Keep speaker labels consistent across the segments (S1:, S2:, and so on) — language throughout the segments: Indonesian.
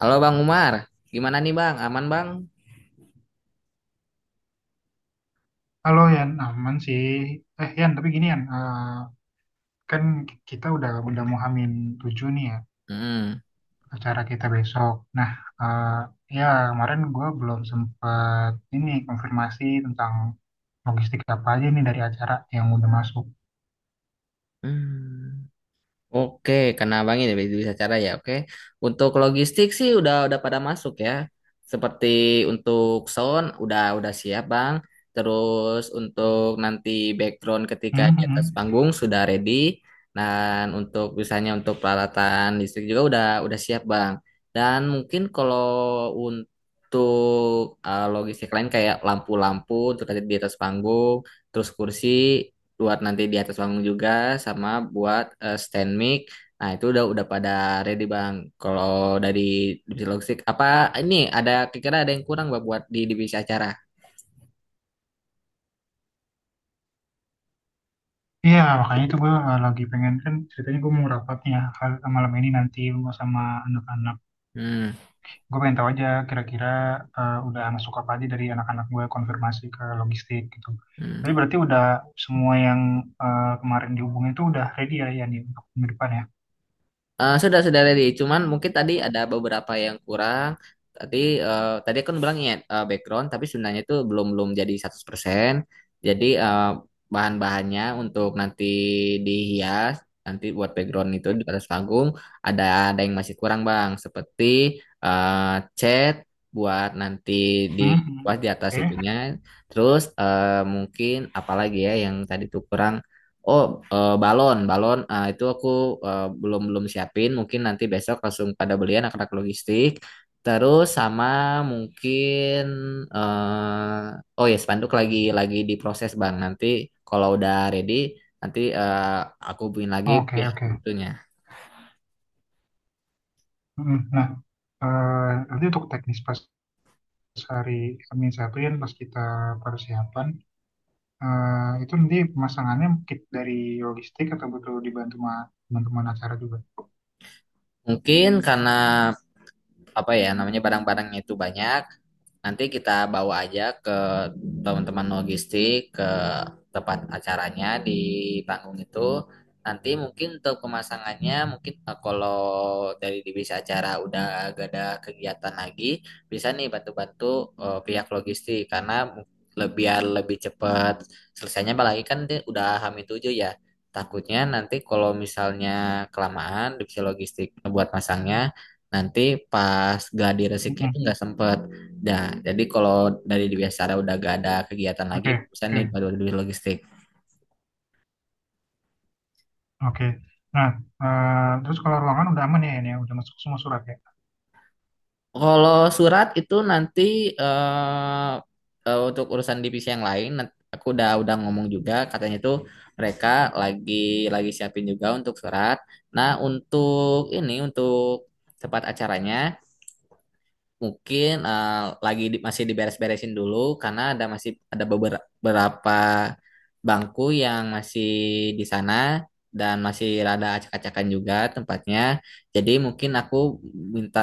S1: Halo Bang Umar, gimana nih Bang? Aman Bang?
S2: Kalau Yan, aman sih. Eh Yan, tapi gini Yan, kan kita udah mau hamin tujuh nih ya
S1: Mm.
S2: acara kita besok. Nah, eh, ya kemarin gue belum sempet ini konfirmasi tentang logistik apa aja nih dari acara yang udah masuk.
S1: Hmm. Oke, karena Abang ini bisa cara ya. Oke, untuk logistik sih udah pada masuk ya. Seperti untuk sound udah siap Bang. Terus untuk nanti background ketika di atas
S2: Mhm.
S1: panggung sudah ready. Dan untuk misalnya untuk peralatan listrik juga udah siap Bang. Dan mungkin kalau untuk logistik lain kayak lampu-lampu untuk tadi di atas panggung, terus kursi buat nanti di atas panggung juga sama buat stand mic. Nah, itu udah pada ready, Bang. Kalau dari divisi logistik apa ini ada kira-kira ada yang kurang Bang buat di divisi acara?
S2: Iya, makanya itu gue lagi pengen kan ceritanya gue mau rapat nih ya malam ini nanti gua sama anak-anak.
S1: Hmm.
S2: Gue pengen tahu aja kira-kira udah masuk apa aja dari anak-anak gue konfirmasi ke logistik gitu. Tapi
S1: Hmm.
S2: berarti udah semua yang kemarin dihubungin itu udah ready ya Yan, ya nih untuk minggu depan ya.
S1: Sudah ready. Cuman mungkin tadi ada beberapa yang kurang. Tadi tadi kan bilang ya background, tapi sebenarnya itu belum belum jadi 100%. Jadi bahan-bahannya untuk nanti dihias nanti buat background itu di atas panggung ada ada yang masih kurang Bang, seperti eh, cat buat nanti di
S2: Hmm.
S1: buat di atas itunya.
S2: Hmm.
S1: Terus mungkin apalagi ya yang tadi tuh kurang. Oh, balon, balon. Ah, itu aku belum belum siapin. Mungkin nanti besok langsung pada belian anak-anak logistik. Terus sama mungkin, oh ya spanduk lagi diproses bang. Nanti kalau udah ready, nanti aku hubungin lagi
S2: Oke,
S1: pihak
S2: oke, oke.
S1: itunya.
S2: Hmm. Nah, nanti untuk teknis pas hari Senin satu Yan, pas kita persiapan, itu nanti pemasangannya mungkin dari logistik atau butuh dibantu sama teman-teman acara juga.
S1: Mungkin karena apa ya namanya barang-barangnya itu banyak. Nanti kita bawa aja ke teman-teman logistik ke tempat acaranya di panggung itu, nanti mungkin untuk pemasangannya mungkin kalau dari divisi acara udah gak ada kegiatan lagi bisa nih bantu-bantu pihak logistik karena biar lebih cepat selesainya. Apalagi kan dia udah hamil tujuh ya, takutnya nanti kalau misalnya kelamaan divisi logistik buat masangnya, nanti pas gladi
S2: Hmm,
S1: resiknya
S2: hmm,
S1: itu
S2: hmm.
S1: nggak sempet. Nah, jadi kalau dari di Biasara udah gak ada kegiatan lagi,
S2: Oke,
S1: bisa
S2: oke.
S1: nih baru di logistik.
S2: Oke. Nah, terus kalau ruangan udah aman ya ini ya, udah masuk semua surat ya.
S1: Kalau surat itu nanti eh, untuk urusan divisi yang lain, aku udah ngomong juga, katanya tuh mereka lagi lagi siapin juga untuk surat. Nah, untuk ini untuk tempat acaranya mungkin lagi masih diberes-beresin dulu karena ada masih ada beberapa bangku yang masih di sana dan masih rada acak-acakan juga tempatnya. Jadi mungkin aku minta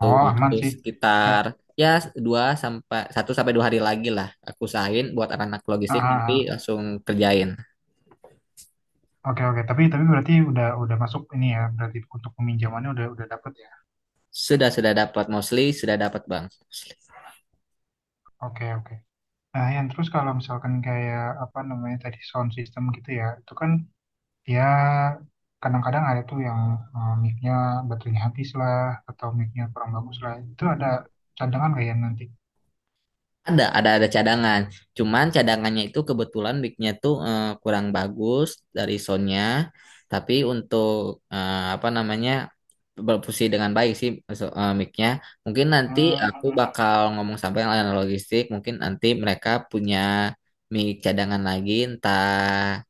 S2: Oh, aman
S1: waktu
S2: sih. Eh,
S1: sekitar ya dua sampai satu sampai dua hari lagi lah. Aku usahain buat anak-anak
S2: ah,
S1: logistik nanti
S2: ah, ah.
S1: langsung kerjain.
S2: Oke, oke. Tapi berarti udah masuk ini ya, berarti untuk peminjamannya udah dapet ya.
S1: Sudah dapat, mostly sudah dapat bang.
S2: Oke, oke. Nah, yang terus kalau misalkan kayak apa namanya tadi sound system gitu ya, itu kan ya kadang-kadang ada tuh yang, mic-nya baterainya habis lah, atau mic-nya kurang bagus lah. Itu ada cadangan kayak nanti.
S1: Ada cadangan. Cuman cadangannya itu kebetulan mic-nya tuh kurang bagus dari sound. Tapi untuk apa namanya, berfungsi dengan baik sih mic-nya. Mungkin nanti aku
S2: Hmm,
S1: bakal ngomong sampai yang layanan logistik. Mungkin nanti mereka punya mic cadangan lagi, entah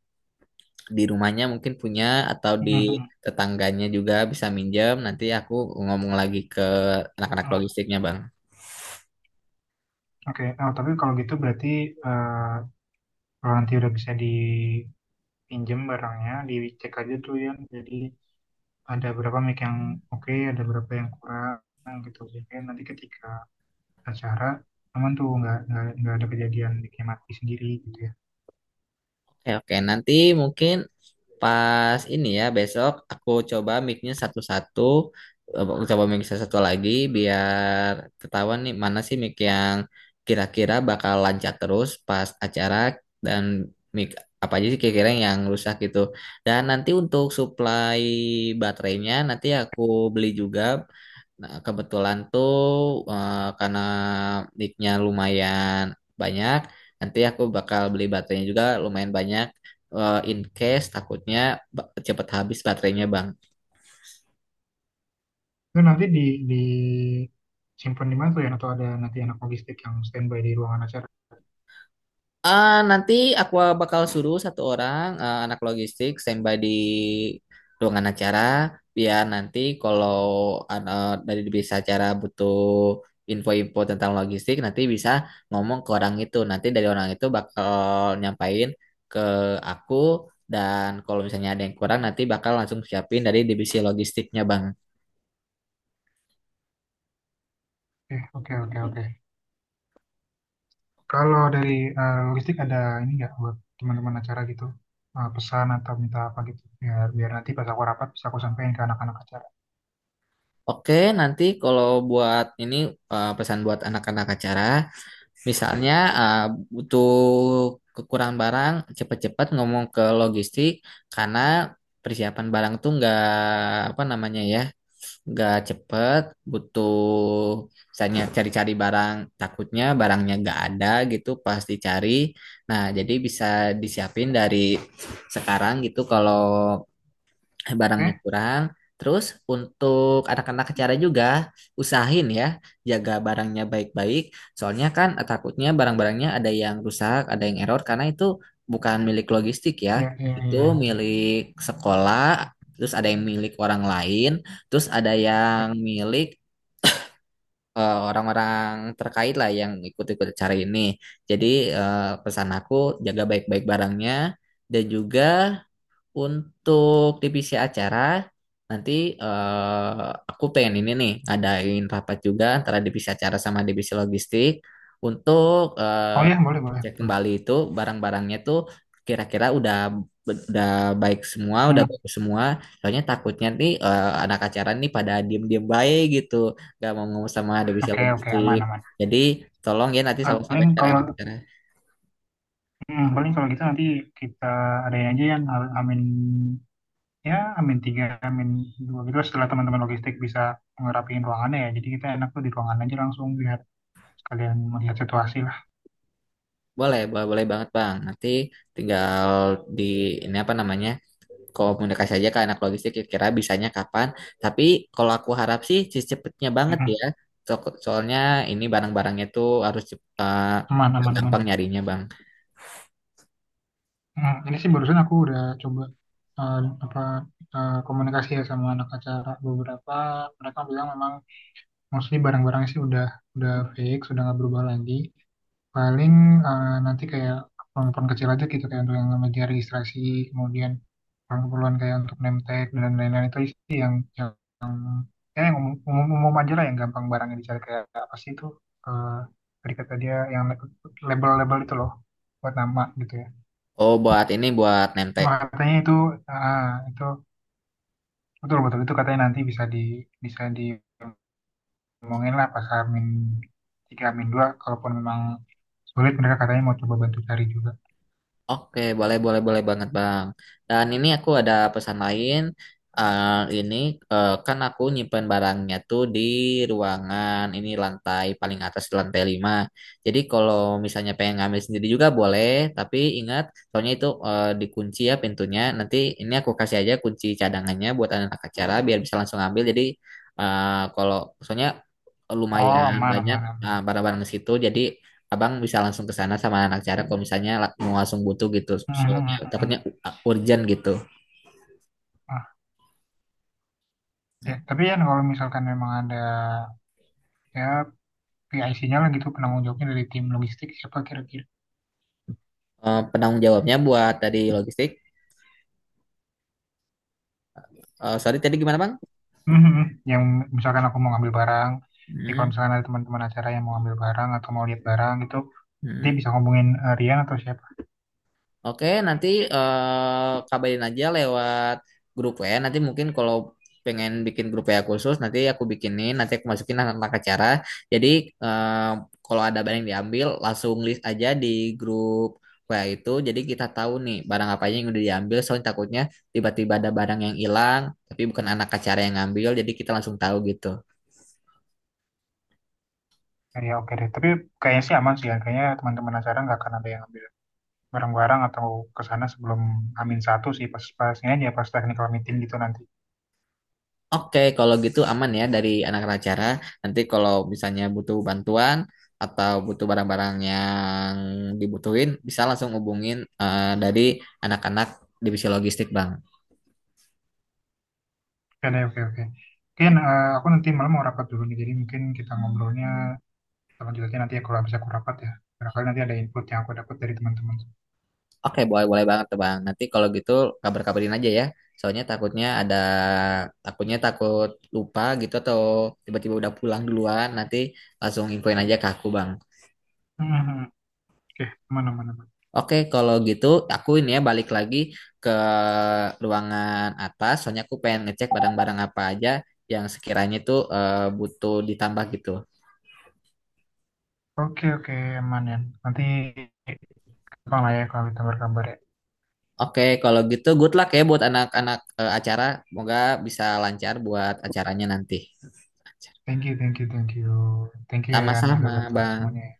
S1: di rumahnya mungkin punya atau
S2: hmm,
S1: di
S2: hmm, hmm.
S1: tetangganya juga bisa minjem. Nanti aku ngomong lagi ke anak-anak
S2: Hmm.
S1: logistiknya, Bang.
S2: Oke. Nah, tapi kalau gitu berarti, eh, kalau nanti udah bisa dipinjem barangnya, dicek aja tuh ya. Jadi ada berapa mic yang oke, ada berapa yang kurang gitu. Jadi nanti ketika acara aman tuh nggak ada kejadian micnya mati sendiri gitu ya.
S1: Oke, oke. Nanti mungkin pas ini ya, besok aku coba mic-nya satu-satu. Aku coba mic satu-satu lagi biar ketahuan nih mana sih mic yang kira-kira bakal lancar terus pas acara, dan mic apa aja sih kira-kira yang rusak gitu. Dan nanti untuk supply baterainya nanti aku beli juga. Nah, kebetulan tuh karena nicknya lumayan banyak, nanti aku bakal beli baterainya juga lumayan banyak. In case takutnya cepet habis baterainya, Bang.
S2: Itu nanti di simpan di mana tuh ya? Atau ada nanti anak logistik yang standby di ruangan acara?
S1: Ah, nanti aku bakal suruh satu orang anak logistik standby di ruangan acara biar nanti kalau dari bisa acara butuh info-info tentang logistik nanti bisa ngomong ke orang itu. Nanti dari orang itu bakal nyampain ke aku, dan kalau misalnya ada yang kurang nanti bakal langsung siapin dari divisi logistiknya, Bang.
S2: Oke, oke, oke. Kalau dari, logistik ada ini nggak buat teman-teman acara gitu? Pesan atau minta apa gitu biar biar nanti pas aku rapat bisa aku sampaikan ke anak-anak acara.
S1: Oke, nanti kalau buat ini pesan buat anak-anak acara. Misalnya uh, butuh kekurangan barang, cepat-cepat ngomong ke logistik karena persiapan barang tuh nggak apa namanya ya, nggak cepet, butuh misalnya cari-cari barang, takutnya barangnya nggak ada gitu pas dicari. Nah, jadi bisa disiapin dari sekarang gitu kalau barangnya
S2: Oke?
S1: kurang. Terus untuk anak-anak acara juga usahain ya jaga barangnya baik-baik. Soalnya kan takutnya barang-barangnya ada yang rusak, ada yang error karena itu bukan milik logistik ya.
S2: Ya, ya,
S1: Itu
S2: ya.
S1: milik sekolah, terus ada yang milik orang lain, terus ada yang milik orang-orang terkait lah yang ikut-ikut acara ini. Jadi pesan aku jaga baik-baik barangnya, dan juga untuk divisi acara, nanti aku pengen ini nih, ngadain rapat juga antara divisi acara sama divisi logistik untuk eh,
S2: Oh ya, boleh, boleh,
S1: cek
S2: boleh.
S1: kembali itu barang-barangnya tuh, kira-kira udah baik semua, udah
S2: Hmm.
S1: bagus semua. Soalnya takutnya nih anak acara nih pada diem-diem baik gitu, gak mau ngomong sama divisi
S2: Oke, oke,
S1: logistik.
S2: aman, aman.
S1: Jadi tolong ya nanti
S2: Ah,
S1: selalu
S2: paling
S1: sampaikan ke
S2: kalau,
S1: anak acara.
S2: gitu nanti kita adain aja yang amin, ya, amin tiga, amin dua gitu setelah teman-teman logistik bisa ngerapiin ruangannya ya. Jadi kita enak tuh di ruangan aja langsung biar sekalian melihat situasi lah.
S1: Boleh, boleh, boleh banget Bang. Nanti tinggal di ini apa namanya? Komunikasi aja ke anak logistik kira-kira bisanya kapan. Tapi kalau aku harap sih secepatnya banget
S2: Hmm,
S1: ya. Soalnya ini barang-barangnya tuh harus
S2: aman, aman, aman.
S1: gampang nyarinya Bang.
S2: Hmm, ini sih barusan aku udah coba, eh, apa, komunikasi ya sama anak acara beberapa. Mereka bilang memang mostly barang-barangnya sih udah fix, udah nggak berubah lagi. Paling nanti kayak keperluan kecil aja gitu, kayak untuk yang media registrasi, kemudian keperluan kayak untuk name tag dan lain-lain, itu sih yang, ya, yang umum, umum, umum aja lah yang gampang barangnya dicari, kayak apa sih itu eh tadi kata dia yang label-label itu loh buat nama gitu ya.
S1: Oh buat ini buat nempel.
S2: Cuma katanya itu, ah, itu betul betul itu katanya nanti bisa diomongin lah pas Amin tiga Amin dua, kalaupun memang sulit mereka katanya mau coba bantu cari juga.
S1: Oke, boleh, boleh, boleh banget, Bang. Dan ini aku ada pesan lain. Ini kan aku nyimpen barangnya tuh di ruangan ini, lantai paling atas di lantai 5. Jadi kalau misalnya pengen ngambil sendiri juga boleh, tapi ingat soalnya itu dikunci ya pintunya. Nanti ini aku kasih aja kunci cadangannya buat anak acara biar bisa langsung ambil. Jadi kalau soalnya
S2: Oh,
S1: lumayan
S2: aman,
S1: banyak
S2: aman, aman.
S1: barang-barang di situ. Jadi abang bisa langsung ke sana sama anak cara kalau misalnya mau langsung butuh gitu. Soalnya
S2: Mhm.
S1: takutnya urgent gitu.
S2: Ah, ya.
S1: Nah,
S2: Tapi kan kalau misalkan memang ada ya PIC-nya lah gitu, penanggung jawabnya dari tim logistik siapa kira-kira?
S1: penanggung jawabnya buat tadi logistik. Sorry tadi gimana bang?
S2: Mhm. Yang misalkan aku mau ngambil barang, ya kalau
S1: Hmm,
S2: misalkan ada teman-teman acara yang mau ngambil barang atau mau lihat barang gitu, nanti
S1: hmm.
S2: bisa ngomongin, Rian atau siapa.
S1: Oke, nanti kabarin aja lewat grup ya. Nanti mungkin kalau pengen bikin grup ya khusus, nanti aku bikinin, nanti aku masukin anak-anak acara. Jadi eh, kalau ada barang yang diambil, langsung list aja di grup WA itu. Jadi kita tahu nih barang apa aja yang udah diambil. Soalnya takutnya tiba-tiba ada barang yang hilang, tapi bukan anak acara yang ngambil. Jadi kita langsung tahu gitu.
S2: Ya, ya, oke deh. Tapi kayaknya sih aman sih ya. Kayaknya teman-teman acara nggak akan ada yang ngambil barang-barang atau ke sana sebelum Amin satu, sih pas-pasnya aja pas technical meeting gitu nanti.
S1: Oke, kalau gitu aman ya dari anak acara. Nanti kalau misalnya butuh bantuan atau butuh barang-barang yang dibutuhin, bisa langsung hubungin dari anak-anak divisi logistik, Bang.
S2: Oke deh, oke, oke. Mungkin aku nanti malam mau rapat dulu nih, jadi mungkin kita ngobrolnya sama jelasnya nanti aku bisa aku rapat ya. Barangkali nanti ada input yang aku dapat dari teman-teman.
S1: Oke, boleh boleh banget tuh, Bang. Nanti kalau gitu kabar-kabarin aja ya. Soalnya takutnya ada takutnya takut lupa gitu atau tiba-tiba udah pulang duluan, nanti langsung infoin aja ke aku, Bang.
S2: Hmm, hmm. Oke, aman, aman, aman.
S1: Oke, kalau gitu aku ini ya balik lagi ke ruangan atas. Soalnya aku pengen ngecek barang-barang apa aja yang sekiranya itu butuh ditambah gitu.
S2: Oke, oke, aman ya. Nanti gampang lah ya kalau kita kabar ya.
S1: Oke, kalau gitu good luck ya buat anak-anak acara. Semoga bisa lancar buat acaranya nanti.
S2: Thank you, thank you, thank you. Thank you ya Yan juga
S1: Sama-sama,
S2: bantuan
S1: Bang.
S2: semuanya. Ya.